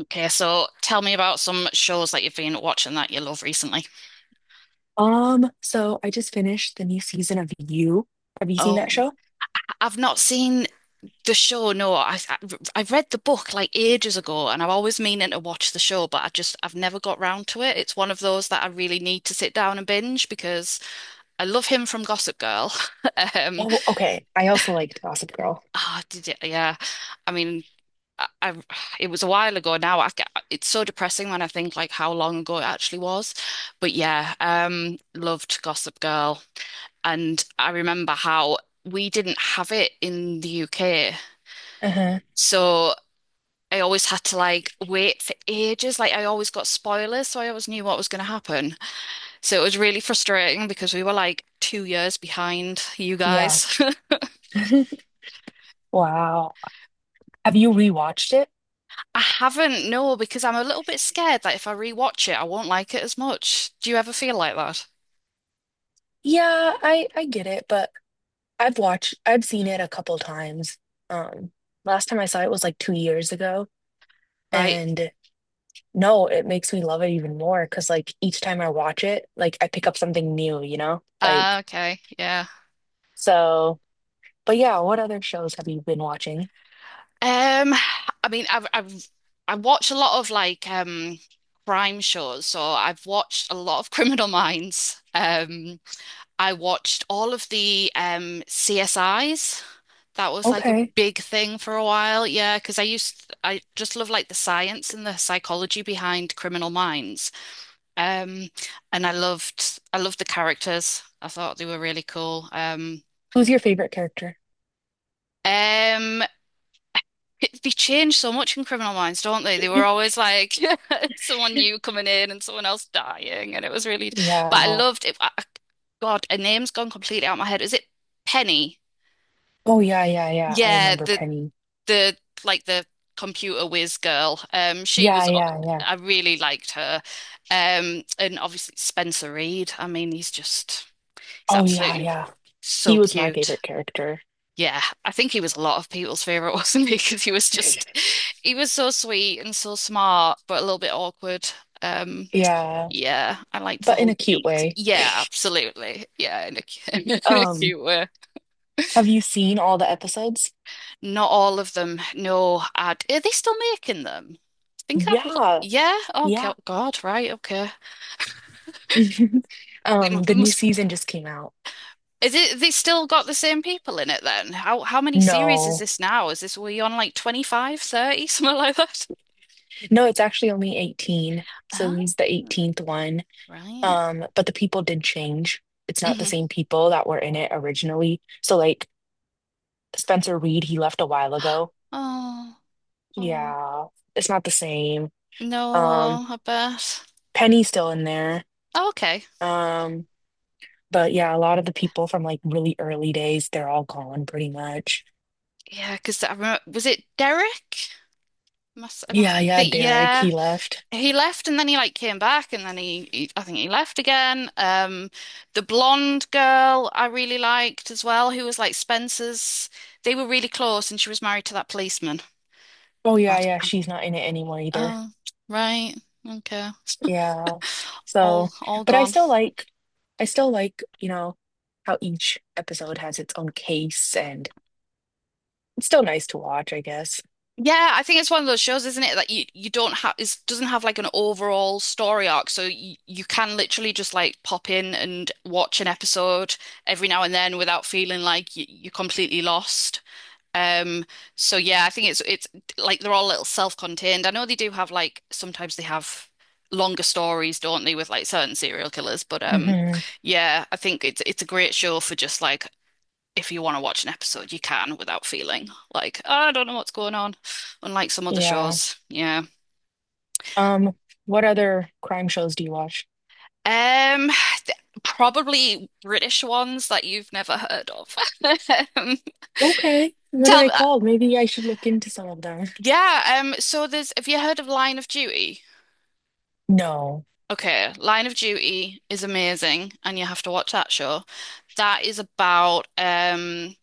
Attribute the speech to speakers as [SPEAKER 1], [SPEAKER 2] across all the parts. [SPEAKER 1] Okay, so tell me about some shows that you've been watching that you love recently.
[SPEAKER 2] So I just finished the new season of You. Have you seen
[SPEAKER 1] Oh,
[SPEAKER 2] that show?
[SPEAKER 1] I've not seen the show. No, I read the book like ages ago, and I'm always meaning to watch the show, but I've never got round to it. It's one of those that I really need to sit down and binge because I love him from Gossip Girl. Um,
[SPEAKER 2] Oh, okay. I also liked Gossip Girl.
[SPEAKER 1] did it, yeah. I mean, I it was a while ago now. It's so depressing when I think like how long ago it actually was. But yeah, loved Gossip Girl. And I remember how we didn't have it in the UK.
[SPEAKER 2] Uh-huh.
[SPEAKER 1] So I always had to like wait for ages. Like I always got spoilers, so I always knew what was going to happen. So it was really frustrating because we were like 2 years behind you
[SPEAKER 2] Yeah.
[SPEAKER 1] guys.
[SPEAKER 2] Wow. Have you rewatched it?
[SPEAKER 1] I haven't, no, because I'm a little bit scared that if I rewatch it, I won't like it as much. Do you ever feel like that?
[SPEAKER 2] Yeah, I get it, but I've seen it a couple times. Um, last time I saw it was like 2 years ago,
[SPEAKER 1] Right?
[SPEAKER 2] and no, it makes me love it even more because like each time I watch it, like I pick up something new, you know?
[SPEAKER 1] Ah, okay. Yeah.
[SPEAKER 2] So, but yeah, what other shows have you been watching?
[SPEAKER 1] Um, I mean, I've I watch a lot of like crime shows, so I've watched a lot of Criminal Minds. I watched all of the CSIs. That was like a
[SPEAKER 2] Okay.
[SPEAKER 1] big thing for a while, yeah, because I just love like the science and the psychology behind Criminal Minds. Um, and I loved the characters. I thought they were really cool.
[SPEAKER 2] Who's your favorite character?
[SPEAKER 1] Um, They change so much in Criminal Minds, don't they? They were always like someone new coming in and someone else dying, and it was really. But I
[SPEAKER 2] Yeah.
[SPEAKER 1] loved it. God, a name's gone completely out of my head. Is it Penny?
[SPEAKER 2] Oh yeah, yeah, yeah. I
[SPEAKER 1] Yeah,
[SPEAKER 2] remember Penny.
[SPEAKER 1] the the computer whiz girl. She
[SPEAKER 2] Yeah,
[SPEAKER 1] was.
[SPEAKER 2] yeah, yeah.
[SPEAKER 1] I really liked her. And obviously Spencer Reid. I mean, he's
[SPEAKER 2] Oh yeah,
[SPEAKER 1] absolutely
[SPEAKER 2] yeah. He
[SPEAKER 1] so
[SPEAKER 2] was my
[SPEAKER 1] cute.
[SPEAKER 2] favorite character.
[SPEAKER 1] Yeah, I think he was a lot of people's favorite, wasn't he? Because he was just, he was so sweet and so smart, but a little bit awkward. Um,
[SPEAKER 2] Yeah,
[SPEAKER 1] yeah, I liked the
[SPEAKER 2] but in
[SPEAKER 1] whole
[SPEAKER 2] a cute
[SPEAKER 1] geek.
[SPEAKER 2] way.
[SPEAKER 1] Yeah, absolutely. Yeah, in a
[SPEAKER 2] Um,
[SPEAKER 1] cute way.
[SPEAKER 2] have you seen all the episodes?
[SPEAKER 1] Not all of them. No, ad. Are they still making them? I think I've. Lo-
[SPEAKER 2] Yeah,
[SPEAKER 1] Yeah. Oh
[SPEAKER 2] yeah.
[SPEAKER 1] go- God. Right. Okay. They mu-
[SPEAKER 2] The new
[SPEAKER 1] must.
[SPEAKER 2] season just came out.
[SPEAKER 1] Is it? They still got the same people in it then? How many series is
[SPEAKER 2] No.
[SPEAKER 1] this now? Is this we on like 25, 30, something like that?
[SPEAKER 2] No, it's actually only 18. So
[SPEAKER 1] Ah.
[SPEAKER 2] he's the 18th one.
[SPEAKER 1] Right.
[SPEAKER 2] But the people did change. It's not the
[SPEAKER 1] hmm
[SPEAKER 2] same people that were in it originally. So like Spencer Reed, he left a while ago.
[SPEAKER 1] Oh, oh.
[SPEAKER 2] Yeah, it's not the same.
[SPEAKER 1] No,
[SPEAKER 2] Um,
[SPEAKER 1] I bet.
[SPEAKER 2] Penny's still in there.
[SPEAKER 1] Oh, okay.
[SPEAKER 2] Um, but yeah, a lot of the people from like really early days, they're all gone pretty much.
[SPEAKER 1] Yeah, because I remember, was it Derek? Must, I must
[SPEAKER 2] Yeah, yeah,
[SPEAKER 1] think,
[SPEAKER 2] Derek,
[SPEAKER 1] yeah.
[SPEAKER 2] he left.
[SPEAKER 1] He left and then he like came back and then I think he left again. The blonde girl I really liked as well, who was like Spencer's. They were really close and she was married to that policeman.
[SPEAKER 2] Oh yeah,
[SPEAKER 1] But,
[SPEAKER 2] yeah, she's not in it anymore either.
[SPEAKER 1] oh, right. Okay.
[SPEAKER 2] Yeah.
[SPEAKER 1] All,
[SPEAKER 2] So,
[SPEAKER 1] all
[SPEAKER 2] but
[SPEAKER 1] gone.
[SPEAKER 2] I still like, you know, how each episode has its own case and it's still nice to watch, I guess.
[SPEAKER 1] Yeah, I think it's one of those shows, isn't it? That you don't have it doesn't have like an overall story arc, so you can literally just like pop in and watch an episode every now and then without feeling like you're completely lost. Um, so yeah, I think it's like they're all a little self-contained. I know they do have like sometimes they have longer stories, don't they, with like certain serial killers, but
[SPEAKER 2] Hmm.
[SPEAKER 1] yeah, I think it's a great show for just like if you want to watch an episode, you can without feeling like, "Oh, I don't know what's going on, unlike some other
[SPEAKER 2] Yeah.
[SPEAKER 1] shows. Yeah.
[SPEAKER 2] Um, what other crime shows do you watch?
[SPEAKER 1] Um, Probably British ones that you've never heard of. Um,
[SPEAKER 2] Okay. What are
[SPEAKER 1] tell me,
[SPEAKER 2] they called? Maybe I should look into some of them.
[SPEAKER 1] yeah. So there's, have you heard of Line of Duty?
[SPEAKER 2] No.
[SPEAKER 1] Okay, Line of Duty is amazing, and you have to watch that show. That is about,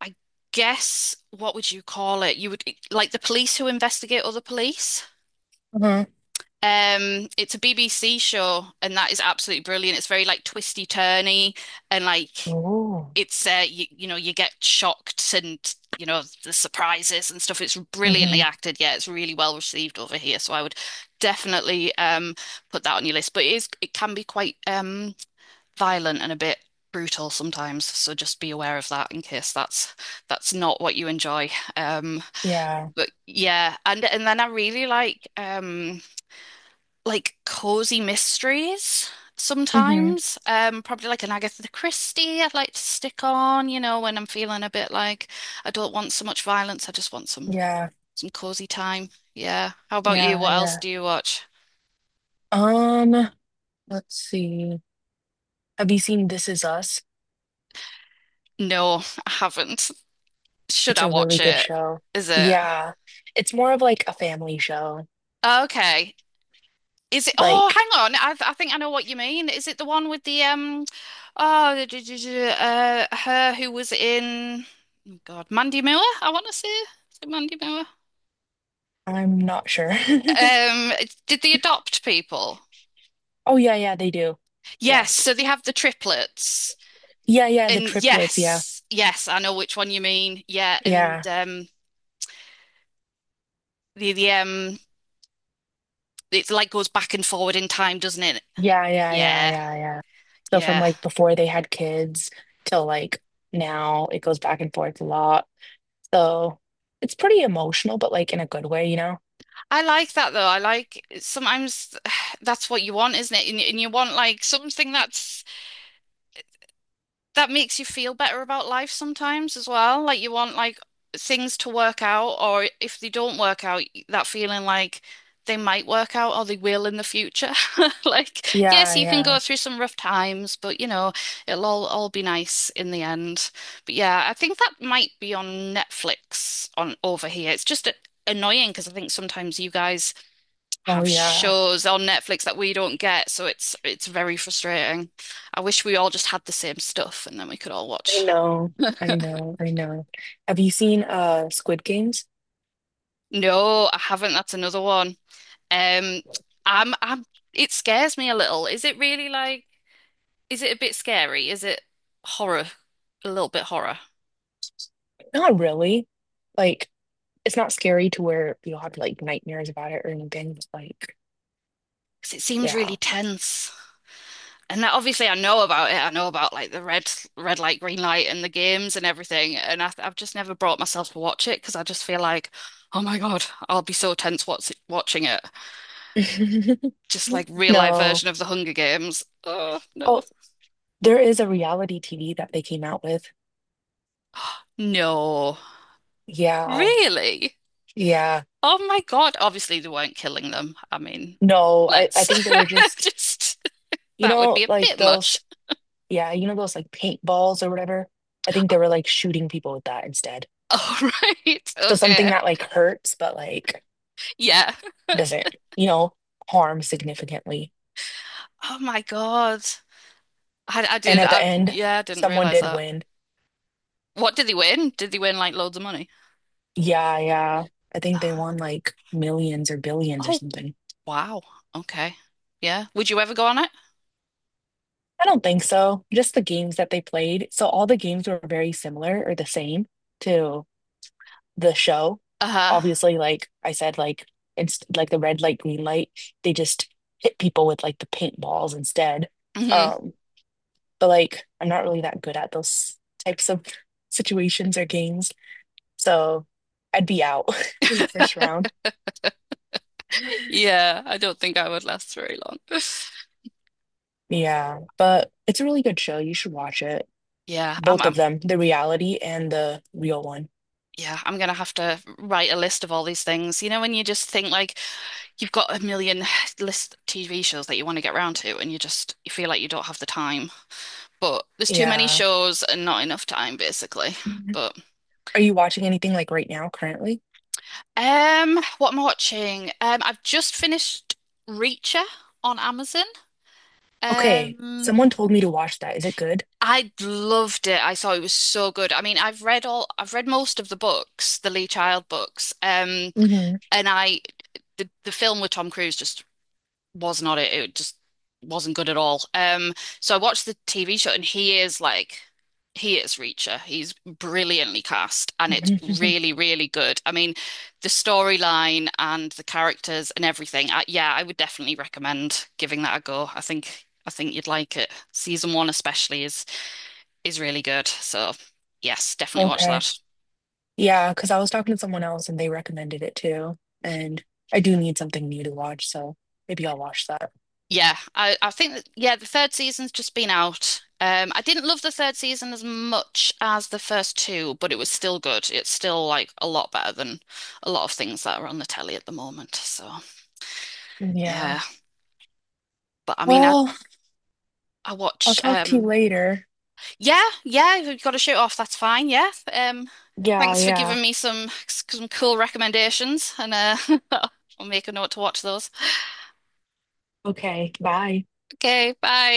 [SPEAKER 1] I guess, what would you call it? You would like the police who investigate other police.
[SPEAKER 2] Uh-huh.
[SPEAKER 1] It's a BBC show, and that is absolutely brilliant. It's very like twisty turny, and like
[SPEAKER 2] Oh.
[SPEAKER 1] it's you know you get shocked and you know the surprises and stuff. It's brilliantly
[SPEAKER 2] Hmm.
[SPEAKER 1] acted. Yeah, it's really well received over here. So I would definitely put that on your list. But it can be quite violent and a bit brutal sometimes. So just be aware of that in case that's not what you enjoy. Um,
[SPEAKER 2] Yeah.
[SPEAKER 1] but yeah, and then I really like cozy mysteries
[SPEAKER 2] Hmm.
[SPEAKER 1] sometimes. Probably like an Agatha Christie I'd like to stick on, you know, when I'm feeling a bit like I don't want so much violence, I just want
[SPEAKER 2] Yeah.
[SPEAKER 1] some cozy time. Yeah. How about you?
[SPEAKER 2] Yeah.
[SPEAKER 1] What else
[SPEAKER 2] Yeah.
[SPEAKER 1] do you watch?
[SPEAKER 2] Um, let's see. Have you seen This Is Us?
[SPEAKER 1] No, I haven't. Should
[SPEAKER 2] It's
[SPEAKER 1] I
[SPEAKER 2] a really
[SPEAKER 1] watch
[SPEAKER 2] good
[SPEAKER 1] it?
[SPEAKER 2] show.
[SPEAKER 1] Is it?
[SPEAKER 2] Yeah. It's more of like a family show.
[SPEAKER 1] Okay. Is it? Oh,
[SPEAKER 2] Like,
[SPEAKER 1] hang on. I think I know what you mean. Is it the one with the um? Oh, her who was in. Oh God, Mandy Moore. I want to see. Is it Mandy Moore?
[SPEAKER 2] I'm not sure.
[SPEAKER 1] Um, did they adopt people?
[SPEAKER 2] Oh, yeah, yeah, they do. Yeah.
[SPEAKER 1] Yes, so they have the triplets.
[SPEAKER 2] Yeah, yeah, the
[SPEAKER 1] And
[SPEAKER 2] triplets. Yeah.
[SPEAKER 1] yes, yes, I know which one you mean. Yeah, and
[SPEAKER 2] Yeah.
[SPEAKER 1] the it like goes back and forward in time, doesn't it?
[SPEAKER 2] Yeah, yeah, yeah,
[SPEAKER 1] Yeah,
[SPEAKER 2] yeah, yeah. So from
[SPEAKER 1] yeah.
[SPEAKER 2] like before they had kids till like now, it goes back and forth a lot. So it's pretty emotional, but like in a good way, you know?
[SPEAKER 1] I like that though. I like sometimes that's what you want, isn't it? And you want like something that's that makes you feel better about life sometimes as well. Like you want like things to work out, or if they don't work out, that feeling like they might work out or they will in the future. Like, yes,
[SPEAKER 2] Yeah,
[SPEAKER 1] you can go
[SPEAKER 2] yeah.
[SPEAKER 1] through some rough times, but you know, it'll all be nice in the end. But yeah, I think that might be on Netflix on over here. It's just annoying because I think sometimes you guys
[SPEAKER 2] Oh,
[SPEAKER 1] have
[SPEAKER 2] yeah.
[SPEAKER 1] shows on Netflix that we don't get, so it's very frustrating. I wish we all just had the same stuff and then we could all
[SPEAKER 2] I
[SPEAKER 1] watch.
[SPEAKER 2] know. I know. I know. Have you seen Squid Games?
[SPEAKER 1] No, I haven't. That's another one. Um, I'm it scares me a little. Is it really like is it a bit scary? Is it horror? A little bit horror?
[SPEAKER 2] Not really. Like it's not scary to where you'll have like nightmares about it or anything. It's like,
[SPEAKER 1] Because it seems
[SPEAKER 2] yeah.
[SPEAKER 1] really tense. And that, obviously, I know about it. I know about like the red light, green light, and the games and everything. And I've just never brought myself to watch it because I just feel like, oh my God, I'll be so tense watching it. Just like real life
[SPEAKER 2] No.
[SPEAKER 1] version of the Hunger Games. Oh no,
[SPEAKER 2] Oh, there is a reality TV that they came out with.
[SPEAKER 1] no,
[SPEAKER 2] Yeah.
[SPEAKER 1] really?
[SPEAKER 2] Yeah.
[SPEAKER 1] Oh my God! Obviously, they weren't killing them. I mean,
[SPEAKER 2] No, I
[SPEAKER 1] let's
[SPEAKER 2] think they were just,
[SPEAKER 1] just
[SPEAKER 2] you
[SPEAKER 1] that would be
[SPEAKER 2] know,
[SPEAKER 1] a
[SPEAKER 2] like
[SPEAKER 1] bit
[SPEAKER 2] those,
[SPEAKER 1] much.
[SPEAKER 2] yeah, you know, those like paintballs or whatever. I think they were like shooting people with that instead.
[SPEAKER 1] All right,
[SPEAKER 2] So
[SPEAKER 1] okay,
[SPEAKER 2] something that like hurts, but like
[SPEAKER 1] yeah.
[SPEAKER 2] doesn't, you know, harm significantly.
[SPEAKER 1] Oh my God. I
[SPEAKER 2] And
[SPEAKER 1] did.
[SPEAKER 2] at the
[SPEAKER 1] I
[SPEAKER 2] end,
[SPEAKER 1] yeah, I didn't
[SPEAKER 2] someone
[SPEAKER 1] realize
[SPEAKER 2] did
[SPEAKER 1] that.
[SPEAKER 2] win.
[SPEAKER 1] What did they win? Did they win like loads of money?
[SPEAKER 2] Yeah, yeah. I think they
[SPEAKER 1] Uh,
[SPEAKER 2] won like millions or billions or
[SPEAKER 1] oh
[SPEAKER 2] something.
[SPEAKER 1] wow. Okay. Yeah. Would you ever go on it?
[SPEAKER 2] I don't think so. Just the games that they played. So all the games were very similar or the same to the show.
[SPEAKER 1] Uh-huh.
[SPEAKER 2] Obviously, like I said, like it's like the red light, green light. They just hit people with like the paintballs instead.
[SPEAKER 1] Hmm.
[SPEAKER 2] Um, but like I'm not really that good at those types of situations or games. So I'd be out in the first round.
[SPEAKER 1] Yeah. I don't think I would last very long.
[SPEAKER 2] Yeah, but it's a really good show. You should watch it.
[SPEAKER 1] Yeah. I'm,
[SPEAKER 2] Both of
[SPEAKER 1] I'm.
[SPEAKER 2] them, the reality and the real one.
[SPEAKER 1] Yeah. I'm gonna have to write a list of all these things. You know, when you just think like you've got a million list TV shows that you want to get round to, and you feel like you don't have the time. But there's too many
[SPEAKER 2] Yeah.
[SPEAKER 1] shows and not enough time, basically.
[SPEAKER 2] Mhm.
[SPEAKER 1] But
[SPEAKER 2] Are you watching anything like right now currently?
[SPEAKER 1] What am I watching? I've just finished Reacher on Amazon.
[SPEAKER 2] Okay,
[SPEAKER 1] Um,
[SPEAKER 2] someone told me to watch that. Is it good?
[SPEAKER 1] I loved it. I thought it was so good. I mean, I've read most of the books, the Lee Child books.
[SPEAKER 2] Hmm.
[SPEAKER 1] And the film with Tom Cruise just was not it. It just wasn't good at all. So I watched the TV show and he is Reacher. He's brilliantly cast and it's really, really good. I mean, the storyline and the characters and everything. I, yeah, I would definitely recommend giving that a go. I think you'd like it. Season one especially is really good. So yes, definitely watch
[SPEAKER 2] Okay.
[SPEAKER 1] that.
[SPEAKER 2] Yeah, because I was talking to someone else and they recommended it too. And I do need something new to watch, so maybe I'll watch that.
[SPEAKER 1] Yeah, I think that, yeah, the third season's just been out. I didn't love the third season as much as the first two, but it was still good. It's still like a lot better than a lot of things that are on the telly at the moment. So
[SPEAKER 2] Yeah.
[SPEAKER 1] yeah, but I mean,
[SPEAKER 2] Well,
[SPEAKER 1] I
[SPEAKER 2] I'll
[SPEAKER 1] watch.
[SPEAKER 2] talk to you later.
[SPEAKER 1] Yeah, yeah, if you've got to shoot off, that's fine. Yeah.
[SPEAKER 2] Yeah,
[SPEAKER 1] Thanks for
[SPEAKER 2] yeah.
[SPEAKER 1] giving me some cool recommendations, and I'll make a note to watch those.
[SPEAKER 2] Okay, bye.
[SPEAKER 1] Okay, bye.